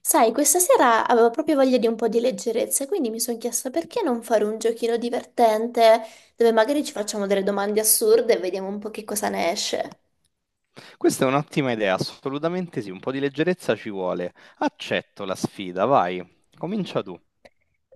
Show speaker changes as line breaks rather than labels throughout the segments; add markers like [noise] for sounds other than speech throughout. Sai, questa sera avevo proprio voglia di un po' di leggerezza, quindi mi sono chiesta perché non fare un giochino divertente dove magari ci facciamo delle domande assurde e vediamo un po' che cosa ne esce.
Questa è un'ottima idea, assolutamente sì, un po' di leggerezza ci vuole. Accetto la sfida, vai, comincia tu.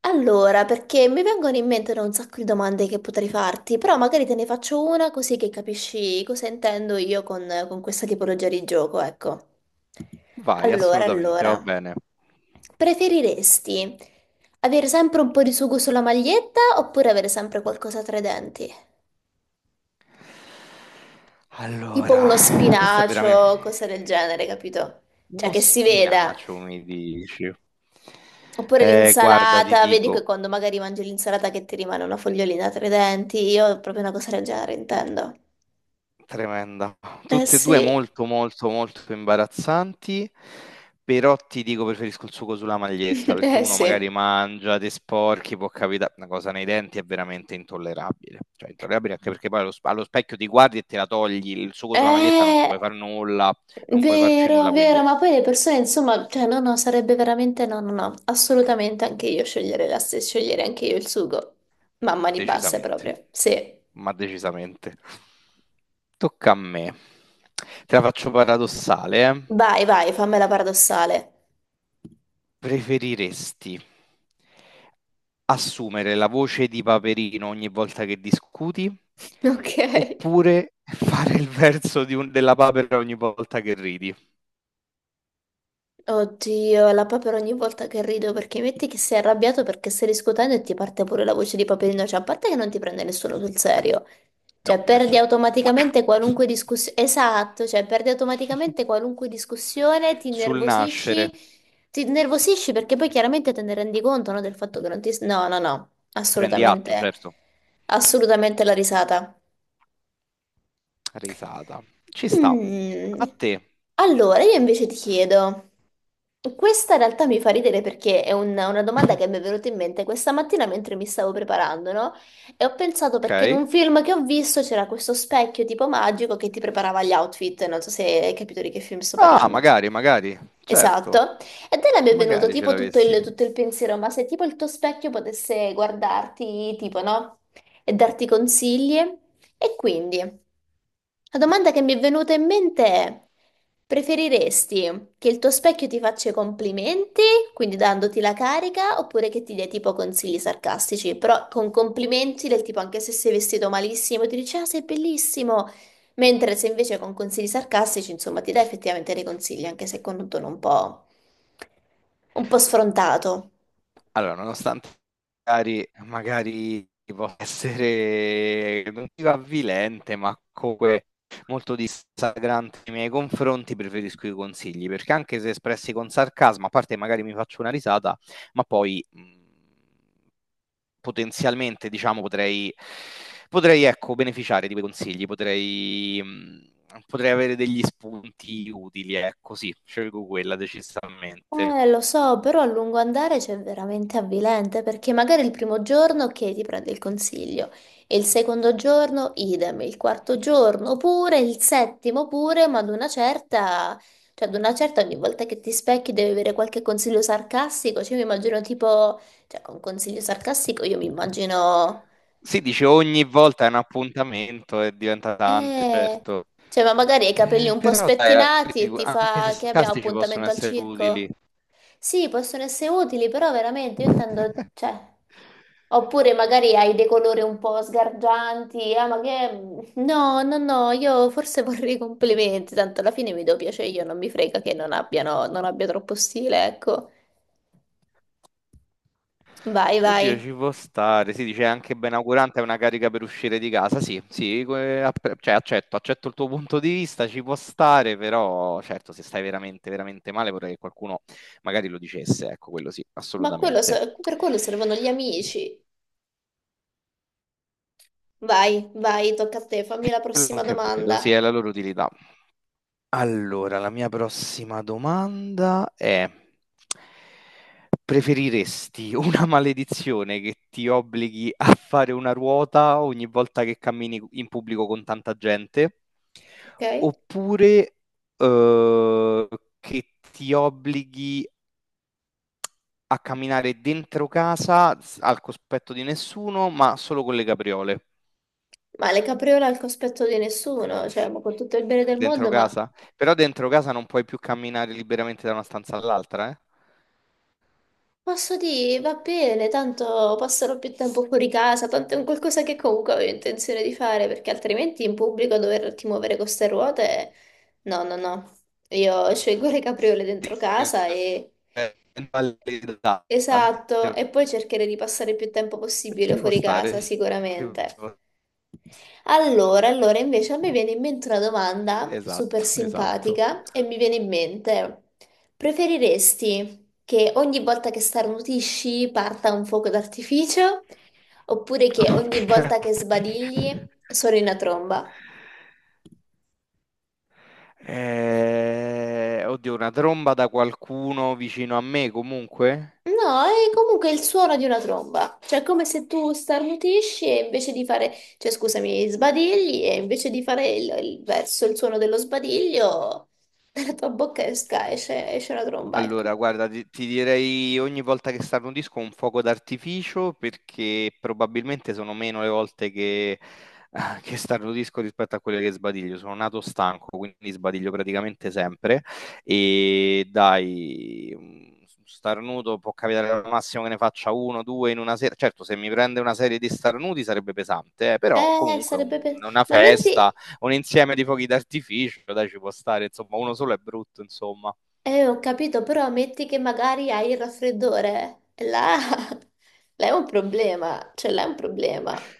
Allora, perché mi vengono in mente da un sacco di domande che potrei farti, però magari te ne faccio una così che capisci cosa intendo io con questa tipologia di gioco, ecco.
Vai,
Allora,
assolutamente, va
allora,
bene.
preferiresti avere sempre un po' di sugo sulla maglietta oppure avere sempre qualcosa tra i denti? Tipo
Allora,
uno
questo è
spinacio,
veramente
cose del genere, capito? Cioè
uno
che si veda.
spinacio, mi dici.
Oppure
Guarda, ti
l'insalata, vedi che
dico,
quando magari mangi l'insalata che ti rimane una fogliolina tra i denti, io proprio una cosa del genere intendo.
tremenda.
Eh
Tutte e due
sì.
molto imbarazzanti, però ti dico preferisco il sugo sulla
[laughs]
maglietta perché
Eh
uno magari
sì.
mangia, ti sporchi, può capitare una cosa nei denti è veramente intollerabile. Cioè, intollerabile anche perché poi allo specchio ti guardi e te la togli, il sugo sulla maglietta non ci
Eh.
puoi fare nulla, non puoi farci
Vero,
nulla,
vero,
quindi
ma poi le persone, insomma, cioè no, no, sarebbe veramente no, no, no, assolutamente anche io scegliere la stessa, scegliere anche io il sugo. Mamma di basse
decisamente,
proprio, sì.
ma decisamente. Tocca a me. Te la faccio paradossale, eh.
Vai, vai, fammela paradossale.
Preferiresti assumere la voce di Paperino ogni volta che discuti
[laughs] Ok.
oppure fare il verso di della papera ogni volta che ridi?
Oddio, la papera ogni volta che rido, perché metti che sei arrabbiato perché stai discutendo e ti parte pure la voce di Paperino, cioè a parte che non ti prende nessuno sul serio,
No,
cioè perdi
nessuno.
automaticamente qualunque discussione, esatto, cioè perdi automaticamente
[laughs]
qualunque discussione,
Sul nascere,
ti innervosisci perché poi chiaramente te ne rendi conto, no, del fatto che non ti. No, no, no,
prendi atto,
assolutamente,
certo.
assolutamente la risata.
Risata. Ci sta. A
Mm.
te.
Allora, io invece ti chiedo, questa in realtà mi fa ridere perché è una domanda che
[laughs]
mi è venuta in mente questa mattina mentre mi stavo preparando, no? E ho pensato,
Ok.
perché in un film che ho visto c'era questo specchio tipo magico che ti preparava gli outfit, non so se hai capito di che film sto
Ah,
parlando.
magari, magari. Certo,
Esatto, e te mi è venuto
magari ce
tipo tutto
l'avessi.
il, tutto il pensiero, ma se tipo il tuo specchio potesse guardarti, tipo, no? E darti consigli, e quindi. La domanda che mi è venuta in mente è: preferiresti che il tuo specchio ti faccia i complimenti, quindi dandoti la carica, oppure che ti dia tipo consigli sarcastici, però con complimenti del tipo anche se sei vestito malissimo, ti dice ah, sei bellissimo, mentre se invece con consigli sarcastici, insomma, ti dà effettivamente dei consigli, anche se con un tono un po' sfrontato.
Allora, nonostante magari possa [laughs] essere non dico avvilente, ma comunque molto dissacrante nei miei confronti, preferisco i consigli, perché anche se espressi con sarcasmo, a parte magari mi faccio una risata, ma poi, potenzialmente diciamo potrei ecco beneficiare di quei consigli, potrei potrei avere degli spunti utili, ecco sì, scelgo quella decisamente.
Lo so, però a lungo andare c'è veramente avvilente perché magari il primo giorno ok ti prende il consiglio, e il secondo giorno idem, il quarto giorno pure, il settimo pure, ma ad una certa, cioè ad una certa ogni volta che ti specchi devi avere qualche consiglio sarcastico, cioè io mi immagino tipo, cioè con consiglio sarcastico io mi immagino.
Sì, dice ogni volta è un appuntamento e diventa tante,
Eh,
certo.
cioè, ma magari hai i capelli un po'
Però dai,
spettinati e ti
anche se
fa: che abbiamo
sarcastici possono
appuntamento al
essere
circo?
utili.
Sì, possono essere utili, però veramente io intendo,
[laughs]
cioè, oppure magari hai dei colori un po' sgargianti, ah, ma che. No, no, no, io forse vorrei complimenti, tanto alla fine mi do piacere io, non mi frega che non abbiano, non abbia troppo stile, ecco. Vai,
Oddio,
vai.
ci può stare. Si dice anche benaugurante è una carica per uscire di casa. Sì, sì, cioè, accetto, accetto il tuo punto di vista, ci può stare, però certo, se stai veramente male, vorrei che qualcuno magari lo dicesse. Ecco, quello sì,
Ma quello
assolutamente.
per quello servono gli amici. Vai, vai, tocca a te, fammi la
Quello
prossima
che vedo, sì,
domanda,
è la loro utilità. Allora, la mia prossima domanda è: preferiresti una [laughs] maledizione che ti obblighi a fare una ruota ogni volta che cammini in pubblico con tanta gente,
ok?
oppure eh, che ti obblighi a camminare dentro casa al cospetto di nessuno, ma solo con le capriole?
Ma le capriole al cospetto di nessuno, cioè, ma con tutto il bene del
Dentro
mondo, ma
casa? Però dentro casa non puoi più camminare liberamente da una stanza all'altra, eh?
posso dire, va bene, tanto passerò più tempo fuori casa, tanto è un qualcosa che comunque avevo intenzione di fare, perché altrimenti in pubblico doverti muovere con ste ruote, no, no, no. Io [laughs] scelgo le capriole dentro casa e.
Invalidante.
Esatto, e poi cercare di passare più tempo possibile
Ci può
fuori
stare,
casa,
ci
sicuramente.
può s
Allora, invece a me viene in mente una domanda super
Esatto, esatto.
simpatica e mi viene in mente, preferiresti che ogni volta che starnutisci parta un fuoco d'artificio oppure che ogni
Okay.
volta che sbadigli suoni una tromba?
Oddio, una tromba da qualcuno vicino a me comunque?
No, è comunque il suono di una tromba, cioè è come se tu starnutisci e invece di fare, cioè scusami, sbadigli e invece di fare il verso, il suono dello sbadiglio, [laughs] dalla tua bocca esce una tromba, ecco.
Allora, guarda, ti direi ogni volta che sale un disco un fuoco d'artificio perché probabilmente sono meno le volte che, [laughs] che starno disco rispetto a quelle che sbadiglio. Sono nato stanco, quindi sbadiglio praticamente sempre. E dai, un starnuto può capitare al massimo che ne faccia uno, due in una sera. Certo, se mi prende una serie di starnuti sarebbe pesante, però comunque
Sarebbe.
una
Ma
festa,
metti.
un insieme di fuochi d'artificio, dai, ci può stare. Insomma, uno solo è brutto, insomma.
Ho capito, però metti che magari hai il raffreddore, e là. [laughs] Là è un problema, cioè là è un problema.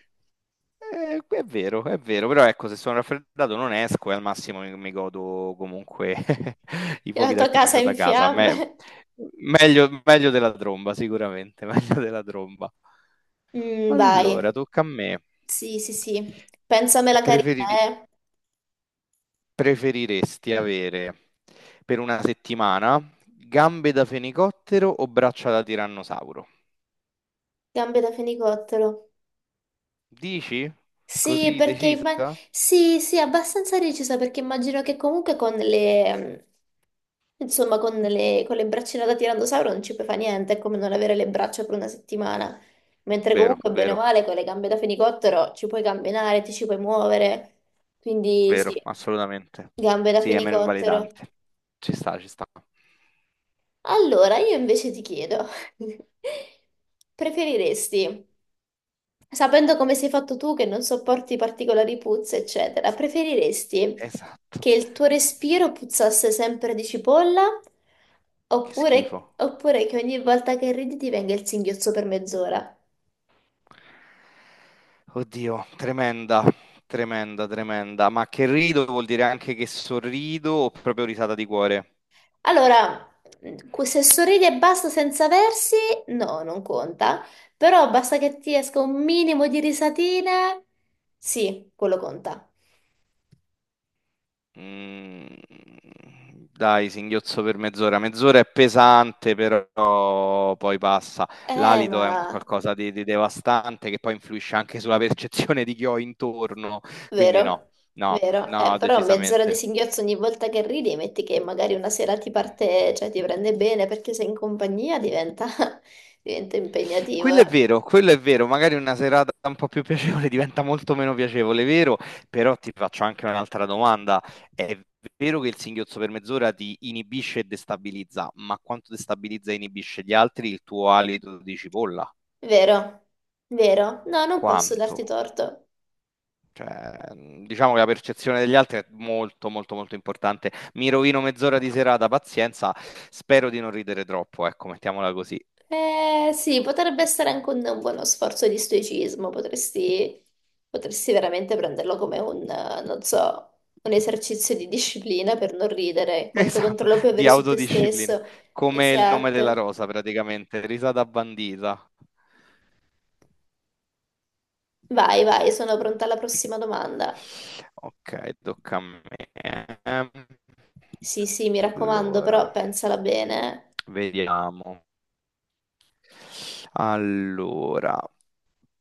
È vero, però ecco, se sono raffreddato non esco e al massimo mi godo comunque [laughs] i
La
fuochi
tua casa è
d'artificio da
in
casa.
fiamme.
Meglio, meglio della tromba, sicuramente, [laughs] meglio della tromba.
Mm, vai.
Allora, tocca a me.
Sì, sì, sì. Pensamela carina,
Preferi-
eh.
preferiresti avere per una settimana gambe da fenicottero o braccia da tirannosauro?
Gambe da fenicottero.
Dici?
Sì,
Così decisa?
sì, sì, abbastanza recisa perché immagino che comunque con le insomma con le braccine da tirannosauro non ci puoi fare niente, è come non avere le braccia per una settimana. Mentre
Vero,
comunque bene o
vero.
male con le gambe da fenicottero ci puoi camminare, ti ci puoi muovere. Quindi sì,
Vero, assolutamente.
gambe da
Sì, è meno
fenicottero.
invalidante. Ci sta, ci sta.
Allora, io invece ti chiedo, [laughs] preferiresti sapendo come sei fatto tu, che non sopporti particolari puzze, eccetera, preferiresti
Esatto.
che il tuo respiro puzzasse sempre di cipolla
Che schifo.
oppure, che ogni volta che ridi ti venga il singhiozzo per mezz'ora?
Oddio, tremenda. Ma che rido vuol dire anche che sorrido o proprio risata di cuore?
Allora, se sorridi e basta senza versi, no, non conta, però basta che ti esca un minimo di risatina, sì, quello conta.
Mm, dai, singhiozzo per mezz'ora. Mezz'ora è pesante, però poi passa. L'alito è un
Ma.
qualcosa di devastante che poi influisce anche sulla percezione di chi ho intorno. Quindi no,
Vero,
no,
vero.
no,
Però mezz'ora di
decisamente.
singhiozzo ogni volta che ridi, metti che magari una sera ti parte, cioè ti prende bene perché sei in compagnia, diventa, [laughs] diventa impegnativo, eh.
Quello è vero, magari una serata un po' più piacevole [laughs] diventa molto meno piacevole, vero? Però ti faccio anche un'altra domanda. È vero che il singhiozzo per mezz'ora ti inibisce e destabilizza, ma quanto destabilizza e inibisce gli altri il tuo alito di cipolla?
Vero, vero. No, non posso darti
Quanto?
torto.
Cioè, diciamo che la percezione degli altri è molto importante. Mi rovino mezz'ora di serata, pazienza, spero di non ridere troppo, ecco, mettiamola così.
Eh sì, potrebbe essere anche un buono sforzo di stoicismo, potresti veramente prenderlo come un, non so, un esercizio di disciplina per non ridere, quanto
Esatto,
controllo puoi
di
avere su te
autodisciplina,
stesso.
come il nome della
Esatto.
rosa praticamente, risata bandita.
Vai, vai, sono pronta alla prossima domanda.
Ok, tocca a me. Ehm,
Sì, sì, mi raccomando,
Allora,
però pensala bene.
vediamo. Allora,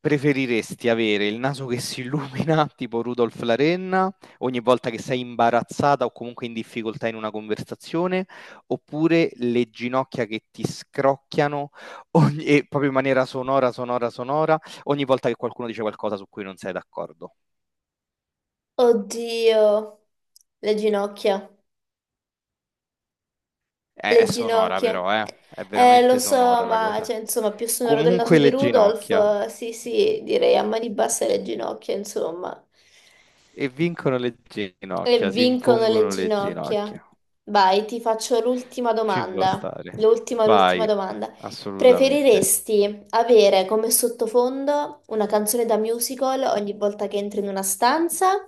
preferiresti avere il naso che si illumina, [laughs] tipo Rudolf la renna, ogni volta che sei imbarazzata o comunque in difficoltà in una conversazione, oppure le ginocchia che ti scrocchiano e proprio in maniera sonora, ogni volta che qualcuno dice qualcosa su cui non sei d'accordo?
Oddio, le ginocchia,
È
le
sonora
ginocchia.
però, eh? È
Lo
veramente
so,
sonora la
ma
cosa.
cioè, insomma, più sonoro del naso
Comunque
di
le
Rudolf,
ginocchia.
sì, sì, direi a mani basse le ginocchia, insomma.
E vincono le
E
ginocchia, si
vincono le
impongono le
ginocchia.
ginocchia.
Vai, ti faccio l'ultima
Ci può
domanda.
stare.
L'ultima, l'ultima
Vai,
domanda.
assolutamente.
Preferiresti avere come sottofondo una canzone da musical ogni volta che entri in una stanza?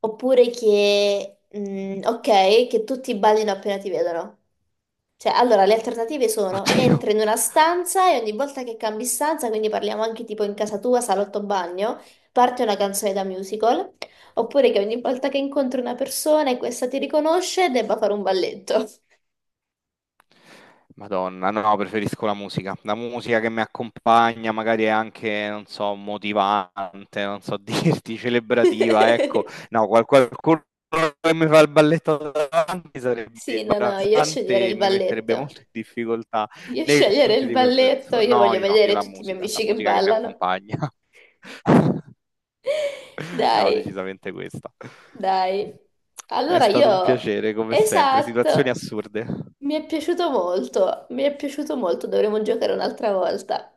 Oppure che, ok, che tutti ballino appena ti vedono? Cioè, allora, le alternative sono:
Oddio.
entri in una stanza e ogni volta che cambi stanza, quindi parliamo anche tipo in casa tua, salotto, bagno, parte una canzone da musical, oppure che ogni volta che incontri una persona e questa ti riconosce, debba fare un balletto.
Madonna, no, preferisco la musica. La musica che mi accompagna, magari è anche, non so, motivante, non so [laughs] dirti, celebrativa, ecco.
[laughs]
No, qualcuno che mi fa il balletto davanti sarebbe
Sì, no, no, io sceglierei
imbarazzante e
il
mi metterebbe
balletto.
molto in difficoltà
Io
nei
sceglierei
confronti
il
di quelle
balletto,
persone.
io
No,
voglio
io no, io
vedere tutti i miei
la
amici che
musica che mi
ballano.
accompagna. [laughs]
Dai,
No, decisamente questa.
dai.
È
Allora
stato un
io,
piacere, come sempre, situazioni
esatto,
assurde.
mi è piaciuto molto, mi è piaciuto molto, dovremo giocare un'altra volta.